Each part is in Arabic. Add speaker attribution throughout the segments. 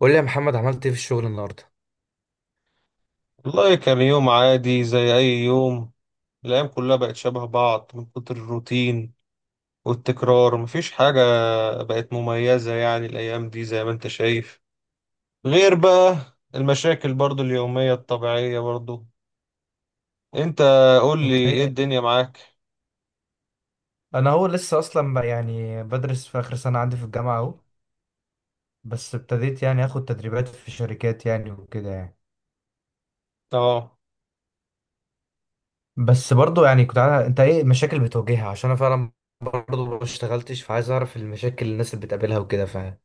Speaker 1: قول لي يا محمد عملت ايه في الشغل النهارده؟
Speaker 2: والله كان يوم عادي زي أي يوم. الأيام كلها بقت شبه بعض من كتر الروتين والتكرار، مفيش حاجة بقت مميزة، يعني الأيام دي زي ما أنت شايف، غير بقى المشاكل برضو اليومية الطبيعية برضو. أنت قول لي
Speaker 1: انت
Speaker 2: إيه
Speaker 1: ايه؟
Speaker 2: الدنيا معاك.
Speaker 1: انا هو لسه اصلا بقى بدرس في اخر سنه عندي في الجامعه اهو. بس ابتديت اخد تدريبات في شركات وكده
Speaker 2: أه.
Speaker 1: بس برضو كنت عارف انت ايه المشاكل بتواجهها، عشان انا فعلا برضه ما اشتغلتش، فعايز اعرف المشاكل اللي الناس اللي بتقابلها وكده، فاهم؟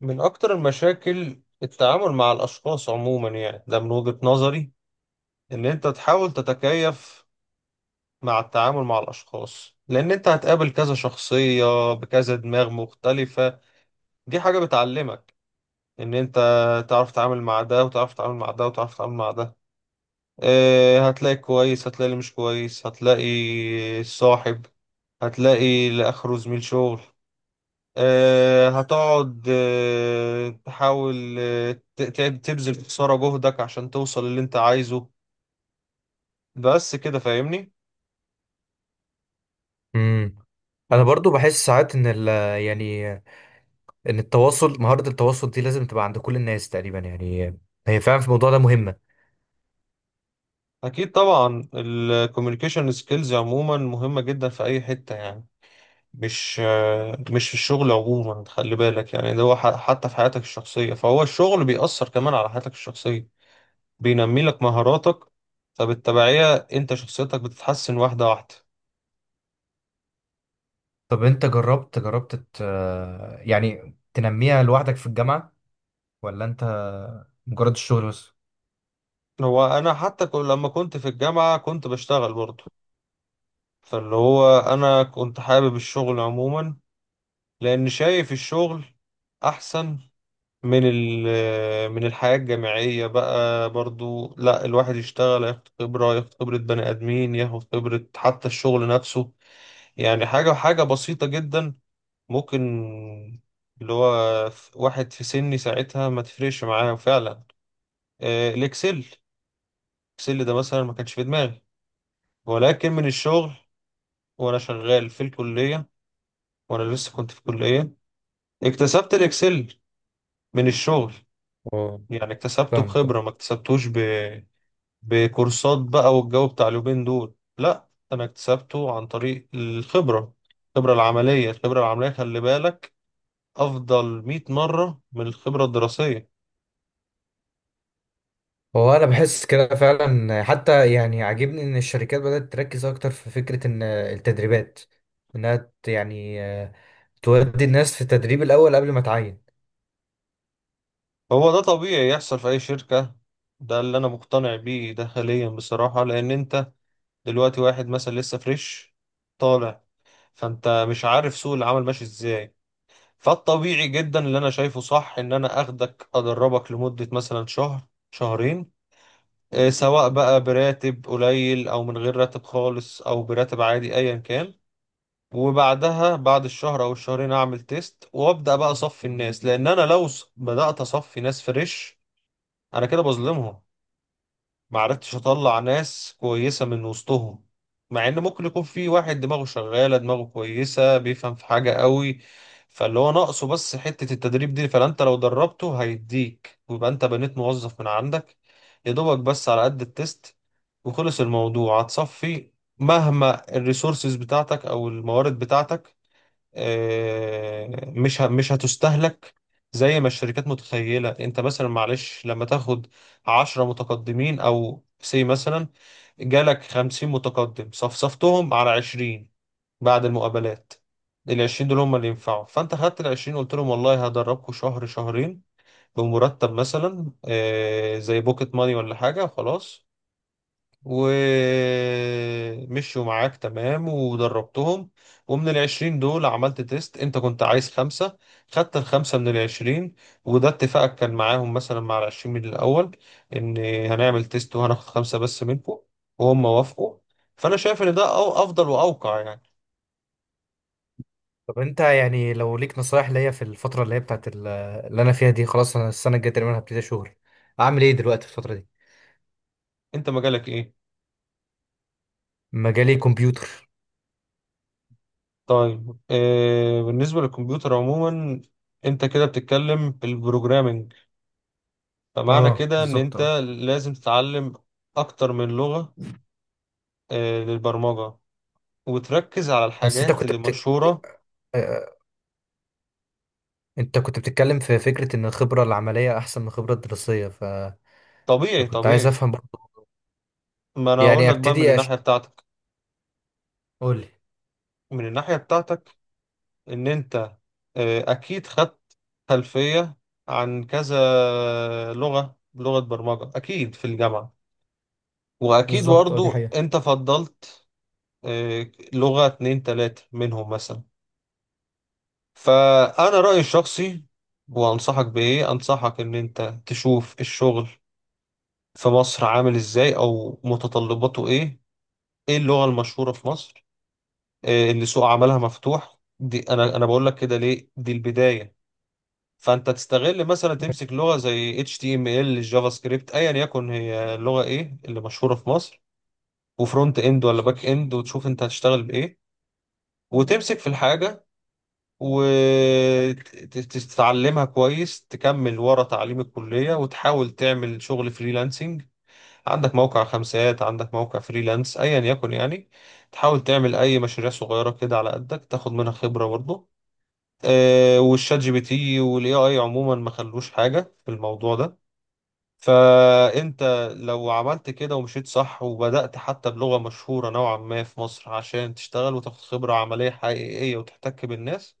Speaker 2: من أكتر المشاكل التعامل مع الأشخاص عموما، يعني ده من وجهة نظري إن أنت تحاول تتكيف مع التعامل مع الأشخاص، لأن أنت هتقابل كذا شخصية بكذا دماغ مختلفة. دي حاجة بتعلمك إن أنت تعرف تتعامل مع ده وتعرف تتعامل مع ده وتعرف تتعامل مع ده. هتلاقي كويس، هتلاقي اللي مش كويس، هتلاقي صاحب، هتلاقي اللي آخره زميل شغل. هتقعد تحاول تبذل في خسارة جهدك عشان توصل اللي أنت عايزه. بس كده فاهمني؟
Speaker 1: امم انا برضه بحس ساعات ان ال يعني ان التواصل، مهارة التواصل دي لازم تبقى عند كل الناس تقريبا، يعني هي فعلا في الموضوع ده مهمة.
Speaker 2: أكيد طبعا الكوميونيكيشن سكيلز عموما مهمة جدا في أي حتة يعني، مش مش في الشغل عموما خلي بالك، يعني ده هو حتى في حياتك الشخصية، فهو الشغل بيأثر كمان على حياتك الشخصية، بينمي لك مهاراتك، فبالتبعية انت شخصيتك بتتحسن واحدة واحدة.
Speaker 1: طب انت جربت يعني تنميها لوحدك في الجامعة، ولا انت مجرد الشغل بس؟
Speaker 2: هو انا حتى لما كنت في الجامعة كنت بشتغل برضه، فاللي هو انا كنت حابب الشغل عموما، لان شايف الشغل احسن من الحياة الجامعية بقى برضو. لا، الواحد يشتغل ياخد خبرة، ياخد خبرة بني آدمين، ياخد خبرة حتى الشغل نفسه. يعني حاجة حاجة بسيطة جدا ممكن، اللي هو واحد في سني ساعتها ما تفرقش معاه فعلا. الإكسل، الإكسل ده مثلا ما كانش في دماغي، ولكن من الشغل، وأنا شغال في الكلية، وأنا لسه كنت في الكلية اكتسبت الإكسل من الشغل.
Speaker 1: اه،
Speaker 2: يعني اكتسبته
Speaker 1: فاهمك اه.
Speaker 2: بخبرة، ما اكتسبتوش بكورسات بقى والجو بتاع اليومين دول. لا، انا اكتسبته عن طريق الخبرة. الخبرة العملية، الخبرة العملية خلي بالك افضل 100 مرة من الخبرة الدراسية.
Speaker 1: هو انا بحس كده فعلا، حتى يعني عاجبني ان الشركات بدأت تركز اكتر في فكرة ان التدريبات انها ت- يعني آه، تودي الناس في التدريب الاول قبل ما تعين.
Speaker 2: هو ده طبيعي يحصل في أي شركة، ده اللي أنا مقتنع بيه ده حاليا بصراحة. لأن أنت دلوقتي واحد مثلا لسه فريش طالع، فأنت مش عارف سوق العمل ماشي إزاي. فالطبيعي جدا اللي أنا شايفه صح إن أنا أخدك أدربك لمدة مثلا شهر، شهرين، سواء بقى براتب قليل او من غير راتب خالص او براتب عادي ايا كان. وبعدها بعد الشهر او الشهرين اعمل تيست وابدا بقى اصفي الناس، لان انا لو بدات اصفي ناس فريش انا كده بظلمهم، ما عرفتش اطلع ناس كويسة من وسطهم، مع ان ممكن يكون في واحد دماغه شغالة، دماغه كويسة، بيفهم في حاجة قوي، فاللي هو ناقصه بس حتة التدريب دي. فانت لو دربته هيديك، ويبقى انت بنيت موظف من عندك، يا دوبك بس على قد التست وخلص الموضوع هتصفي. مهما الريسورسز بتاعتك او الموارد بتاعتك، مش مش هتستهلك زي ما الشركات متخيلة. انت مثلا معلش لما تاخد عشرة متقدمين او سي مثلا، جالك خمسين متقدم صفصفتهم على عشرين بعد المقابلات. العشرين دول هم اللي ينفعوا، فانت خدت العشرين قلت لهم والله هدربكم شهر، شهرين، بمرتب مثلا زي بوكيت ماني ولا حاجة وخلاص. ومشوا معاك تمام ودربتهم، ومن العشرين دول عملت تيست، انت كنت عايز خمسة، خدت الخمسة من العشرين. وده اتفاقك كان معاهم مثلا مع العشرين من الأول، إن هنعمل تيست وهناخد خمسة بس منكم، وهم وافقوا. فأنا شايف إن ده أفضل وأوقع يعني.
Speaker 1: طب انت يعني لو ليك نصايح ليا في الفترة اللي هي اللي انا فيها دي، خلاص انا السنة الجاية تقريبا هبتدي شغل، اعمل ايه دلوقتي في الفترة دي؟
Speaker 2: انت مجالك إيه؟
Speaker 1: مجالي كمبيوتر.
Speaker 2: طيب، آه بالنسبة للكمبيوتر عموما، انت كده بتتكلم بالبروجرامينج، فمعنى
Speaker 1: اه
Speaker 2: كده ان
Speaker 1: بالظبط
Speaker 2: انت
Speaker 1: اه.
Speaker 2: لازم تتعلم اكتر من لغة، للبرمجة، وتركز على
Speaker 1: بس انت
Speaker 2: الحاجات
Speaker 1: كنت
Speaker 2: اللي
Speaker 1: بتك...
Speaker 2: مشهورة.
Speaker 1: آه، آه، انت كنت بتتكلم في فكرة ان الخبرة العملية احسن من الخبرة الدراسية
Speaker 2: طبيعي،
Speaker 1: فكنت عايز
Speaker 2: طبيعي.
Speaker 1: افهم برضه،
Speaker 2: ما أنا أقول
Speaker 1: يعني
Speaker 2: لك بقى من
Speaker 1: ابتدي أش...
Speaker 2: الناحية بتاعتك،
Speaker 1: قولي.
Speaker 2: من الناحية بتاعتك إن أنت أكيد خدت خلفية عن كذا لغة، لغة برمجة أكيد في الجامعة، وأكيد
Speaker 1: بالظبط اه، دي
Speaker 2: برضو
Speaker 1: حقيقة.
Speaker 2: أنت فضلت لغة اتنين تلاتة منهم مثلا. فأنا رأيي الشخصي، وأنصحك بإيه، أنصحك إن أنت تشوف الشغل في مصر عامل إزاي أو متطلباته إيه، ايه اللغة المشهورة في مصر، إيه اللي سوق عملها مفتوح. دي انا بقول لك كده ليه، دي البداية. فانت تستغل مثلا تمسك لغة زي HTML جافا سكريبت ايا يكن، هي اللغة ايه اللي مشهورة في مصر، وفرونت اند ولا باك اند، وتشوف انت هتشتغل بايه، وتمسك في الحاجة وتتعلمها كويس، تكمل ورا تعليم الكلية وتحاول تعمل شغل فريلانسنج. عندك موقع خمسات، عندك موقع فريلانس، ايا يكن يعني، تحاول تعمل اي مشاريع صغيره كده على قدك تاخد منها خبره برضه. والشات جي بي تي والاي اي عموما ما خلوش حاجه في الموضوع ده. فانت لو عملت كده ومشيت صح، وبدأت حتى بلغه مشهوره نوعا ما في مصر عشان تشتغل وتاخد خبره عمليه حقيقيه وتحتك بالناس،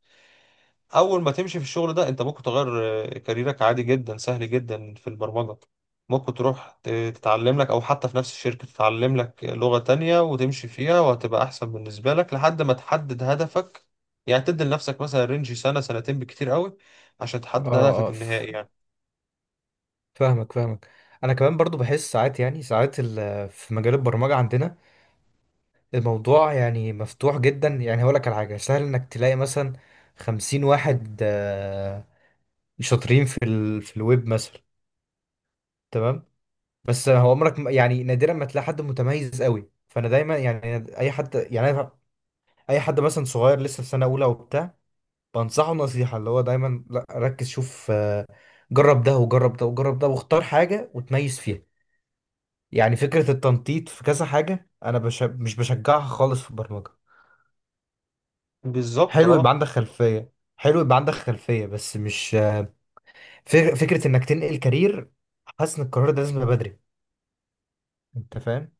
Speaker 2: اول ما تمشي في الشغل ده انت ممكن تغير كاريرك عادي جدا، سهل جدا في البرمجة. ممكن تروح تتعلم لك، او حتى في نفس الشركة تتعلم لك لغة تانية وتمشي فيها، وهتبقى احسن بالنسبة لك لحد ما تحدد هدفك. يعني تدي لنفسك مثلا رينج سنة، سنتين بكتير قوي عشان تحدد
Speaker 1: اه
Speaker 2: هدفك
Speaker 1: اه
Speaker 2: النهائي يعني.
Speaker 1: فاهمك. انا كمان برضو بحس ساعات، يعني في مجال البرمجة عندنا الموضوع يعني مفتوح جدا، يعني هقول لك على حاجة: سهل انك تلاقي مثلا خمسين واحد شاطرين في الويب مثلا، تمام؟ بس هو عمرك يعني نادرا ما تلاقي حد متميز قوي، فانا دايما يعني اي حد، اي حد مثلا صغير لسه في سنه اولى وبتاع، بنصحه نصيحه اللي هو دايما: لا ركز، شوف، جرب ده وجرب ده وجرب ده واختار حاجه وتميز فيها. يعني فكره التنطيط في كذا حاجه انا مش بشجعها خالص في البرمجه.
Speaker 2: بالظبط،
Speaker 1: حلو يبقى
Speaker 2: اه.
Speaker 1: عندك خلفيه، حلو يبقى عندك خلفيه، بس مش فكره انك تنقل كارير، حاسس ان القرار ده لازم يبقى بدري، انت فاهم؟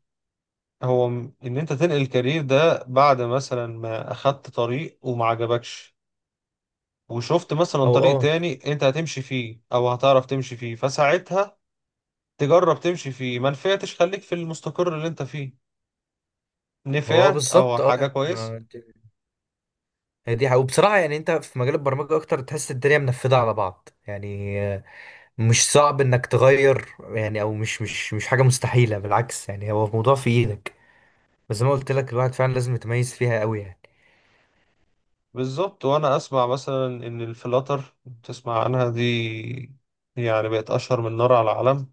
Speaker 2: هو ان انت تنقل الكارير ده بعد مثلا ما اخدت طريق وما عجبكش، وشفت مثلا
Speaker 1: او
Speaker 2: طريق
Speaker 1: اه،
Speaker 2: تاني انت هتمشي فيه او هتعرف تمشي فيه، فساعتها تجرب تمشي فيه. ما نفعتش خليك في المستقر اللي انت فيه،
Speaker 1: هو
Speaker 2: نفعت او
Speaker 1: بالظبط
Speaker 2: حاجة
Speaker 1: اه،
Speaker 2: كويسة.
Speaker 1: هي دي حقيقة. وبصراحة يعني انت في مجال البرمجة اكتر تحس الدنيا منفذة على بعض، يعني مش صعب انك تغير يعني، او مش حاجة مستحيلة، بالعكس يعني هو الموضوع في ايدك، بس زي ما قلت لك الواحد فعلا لازم يتميز فيها قوي يعني.
Speaker 2: بالظبط، وانا اسمع مثلا ان الفلاتر، تسمع عنها دي، يعني بقت اشهر من نار على علم،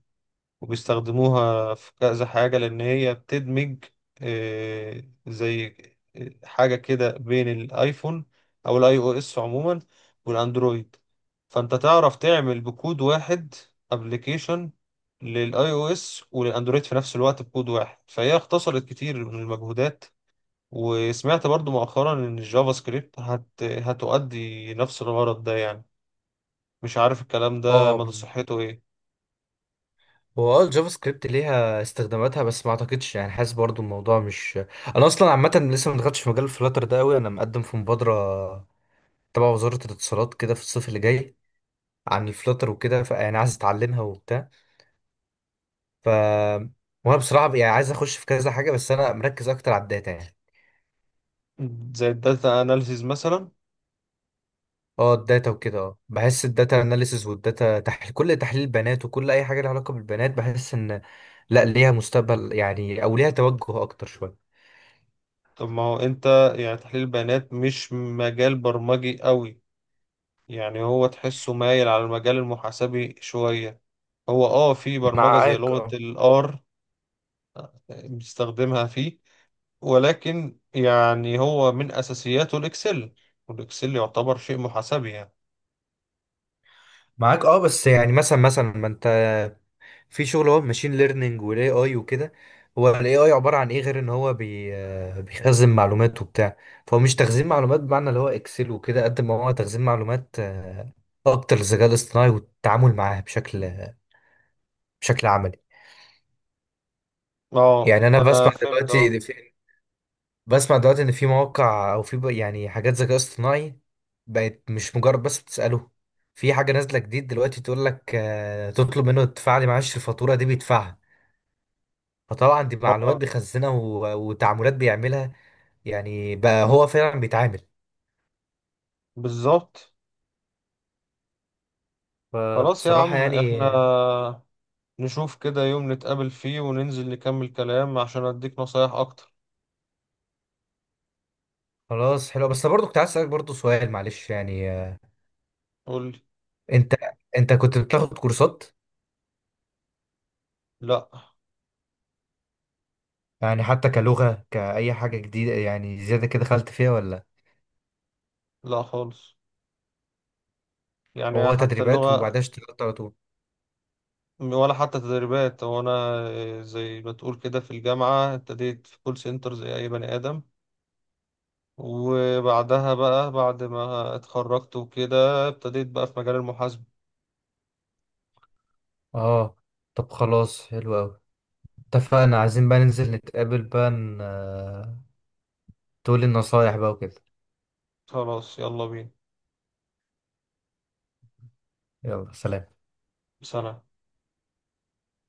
Speaker 2: وبيستخدموها في كذا حاجة، لأن هي بتدمج آه، زي آه، حاجة كده بين الآيفون، أو الآي أو إس عموما، والأندرويد. فأنت تعرف تعمل بكود واحد أبليكيشن للآي أو إس وللأندرويد في نفس الوقت بكود واحد، فهي اختصرت كتير من المجهودات. وسمعت برضو مؤخرا إن الجافا سكريبت هتؤدي نفس الغرض ده يعني، مش عارف الكلام ده
Speaker 1: اه،
Speaker 2: مدى صحته إيه.
Speaker 1: هو اه الجافا سكريبت ليها استخداماتها، بس ما اعتقدش، يعني حاسس برضو الموضوع مش، انا اصلا عامة لسه ما دخلتش في مجال الفلاتر ده قوي. انا مقدم في مبادرة تبع وزارة الاتصالات كده في الصيف اللي جاي عن الفلاتر وكده، فيعني عايز اتعلمها وبتاع. ف، وانا بصراحه يعني عايز اخش في كذا حاجه، بس انا مركز اكتر على الداتا يعني.
Speaker 2: زي الداتا أناليسيز مثلا.
Speaker 1: اه الداتا وكده اه، بحس الداتا اناليسز والداتا تحليل، كل تحليل بيانات وكل اي حاجه لها علاقه بالبيانات، بحس ان لا ليها مستقبل يعني او ليها توجه اكتر شويه.
Speaker 2: طب ما هو انت، يعني تحليل البيانات مش مجال برمجي قوي، يعني هو تحسه مايل على المجال المحاسبي شوية. هو اه، في برمجة زي
Speaker 1: معاك
Speaker 2: لغة
Speaker 1: اه.
Speaker 2: الار بيستخدمها فيه، ولكن يعني هو من اساسياته الاكسل، والاكسل يعتبر شيء محاسبي يعني.
Speaker 1: معاك اه، بس يعني مثلا، ما انت في شغل هو ماشين ليرنينج والاي اي وكده، هو الاي اي عباره عن ايه غير ان هو بي آه، بيخزن معلومات وبتاع، فهو مش تخزين معلومات بمعنى اللي هو اكسل وكده، قد ما هو تخزين معلومات اكتر للذكاء الاصطناعي والتعامل معاها بشكل، بشكل عملي.
Speaker 2: اه،
Speaker 1: يعني انا
Speaker 2: انا
Speaker 1: بسمع
Speaker 2: فهمت،
Speaker 1: دلوقتي
Speaker 2: اه.
Speaker 1: إن في، بسمع دلوقتي ان في مواقع، او في يعني حاجات ذكاء اصطناعي بقت مش مجرد بس بتساله، في حاجه نازله جديد دلوقتي تقول لك، تطلب منه تدفع لي معلش الفاتوره دي بيدفعها، فطبعا دي معلومات
Speaker 2: اه،
Speaker 1: بيخزنها وتعاملات بيعملها، يعني بقى هو فعلا بيتعامل.
Speaker 2: بالظبط. خلاص يا
Speaker 1: فبصراحة
Speaker 2: عم،
Speaker 1: يعني،
Speaker 2: احنا نشوف كده يوم نتقابل فيه وننزل نكمل كلام عشان اديك نصايح اكتر.
Speaker 1: خلاص حلو، بس برضه كنت عايز أسألك برضه سؤال، معلش يعني
Speaker 2: قولي.
Speaker 1: انت انت كنت بتاخد كورسات،
Speaker 2: لا.
Speaker 1: يعني حتى كلغة كأي حاجة جديدة يعني زيادة كده دخلت فيها، ولا
Speaker 2: لا خالص، يعني
Speaker 1: هو
Speaker 2: حتى
Speaker 1: تدريبات
Speaker 2: اللغة،
Speaker 1: وبعدها اشتغلت على طول؟
Speaker 2: ولا حتى تدريبات. هو أنا زي ما تقول كده في الجامعة ابتديت في كول سنتر زي أي بني آدم، وبعدها بقى بعد ما اتخرجت وكده ابتديت بقى في مجال المحاسبة.
Speaker 1: اه. طب خلاص حلو قوي، اتفقنا، عايزين بقى ننزل نتقابل بقى، تقولي النصايح بقى وكده.
Speaker 2: خلاص، يلا بينا.
Speaker 1: يلا سلام.
Speaker 2: سنة.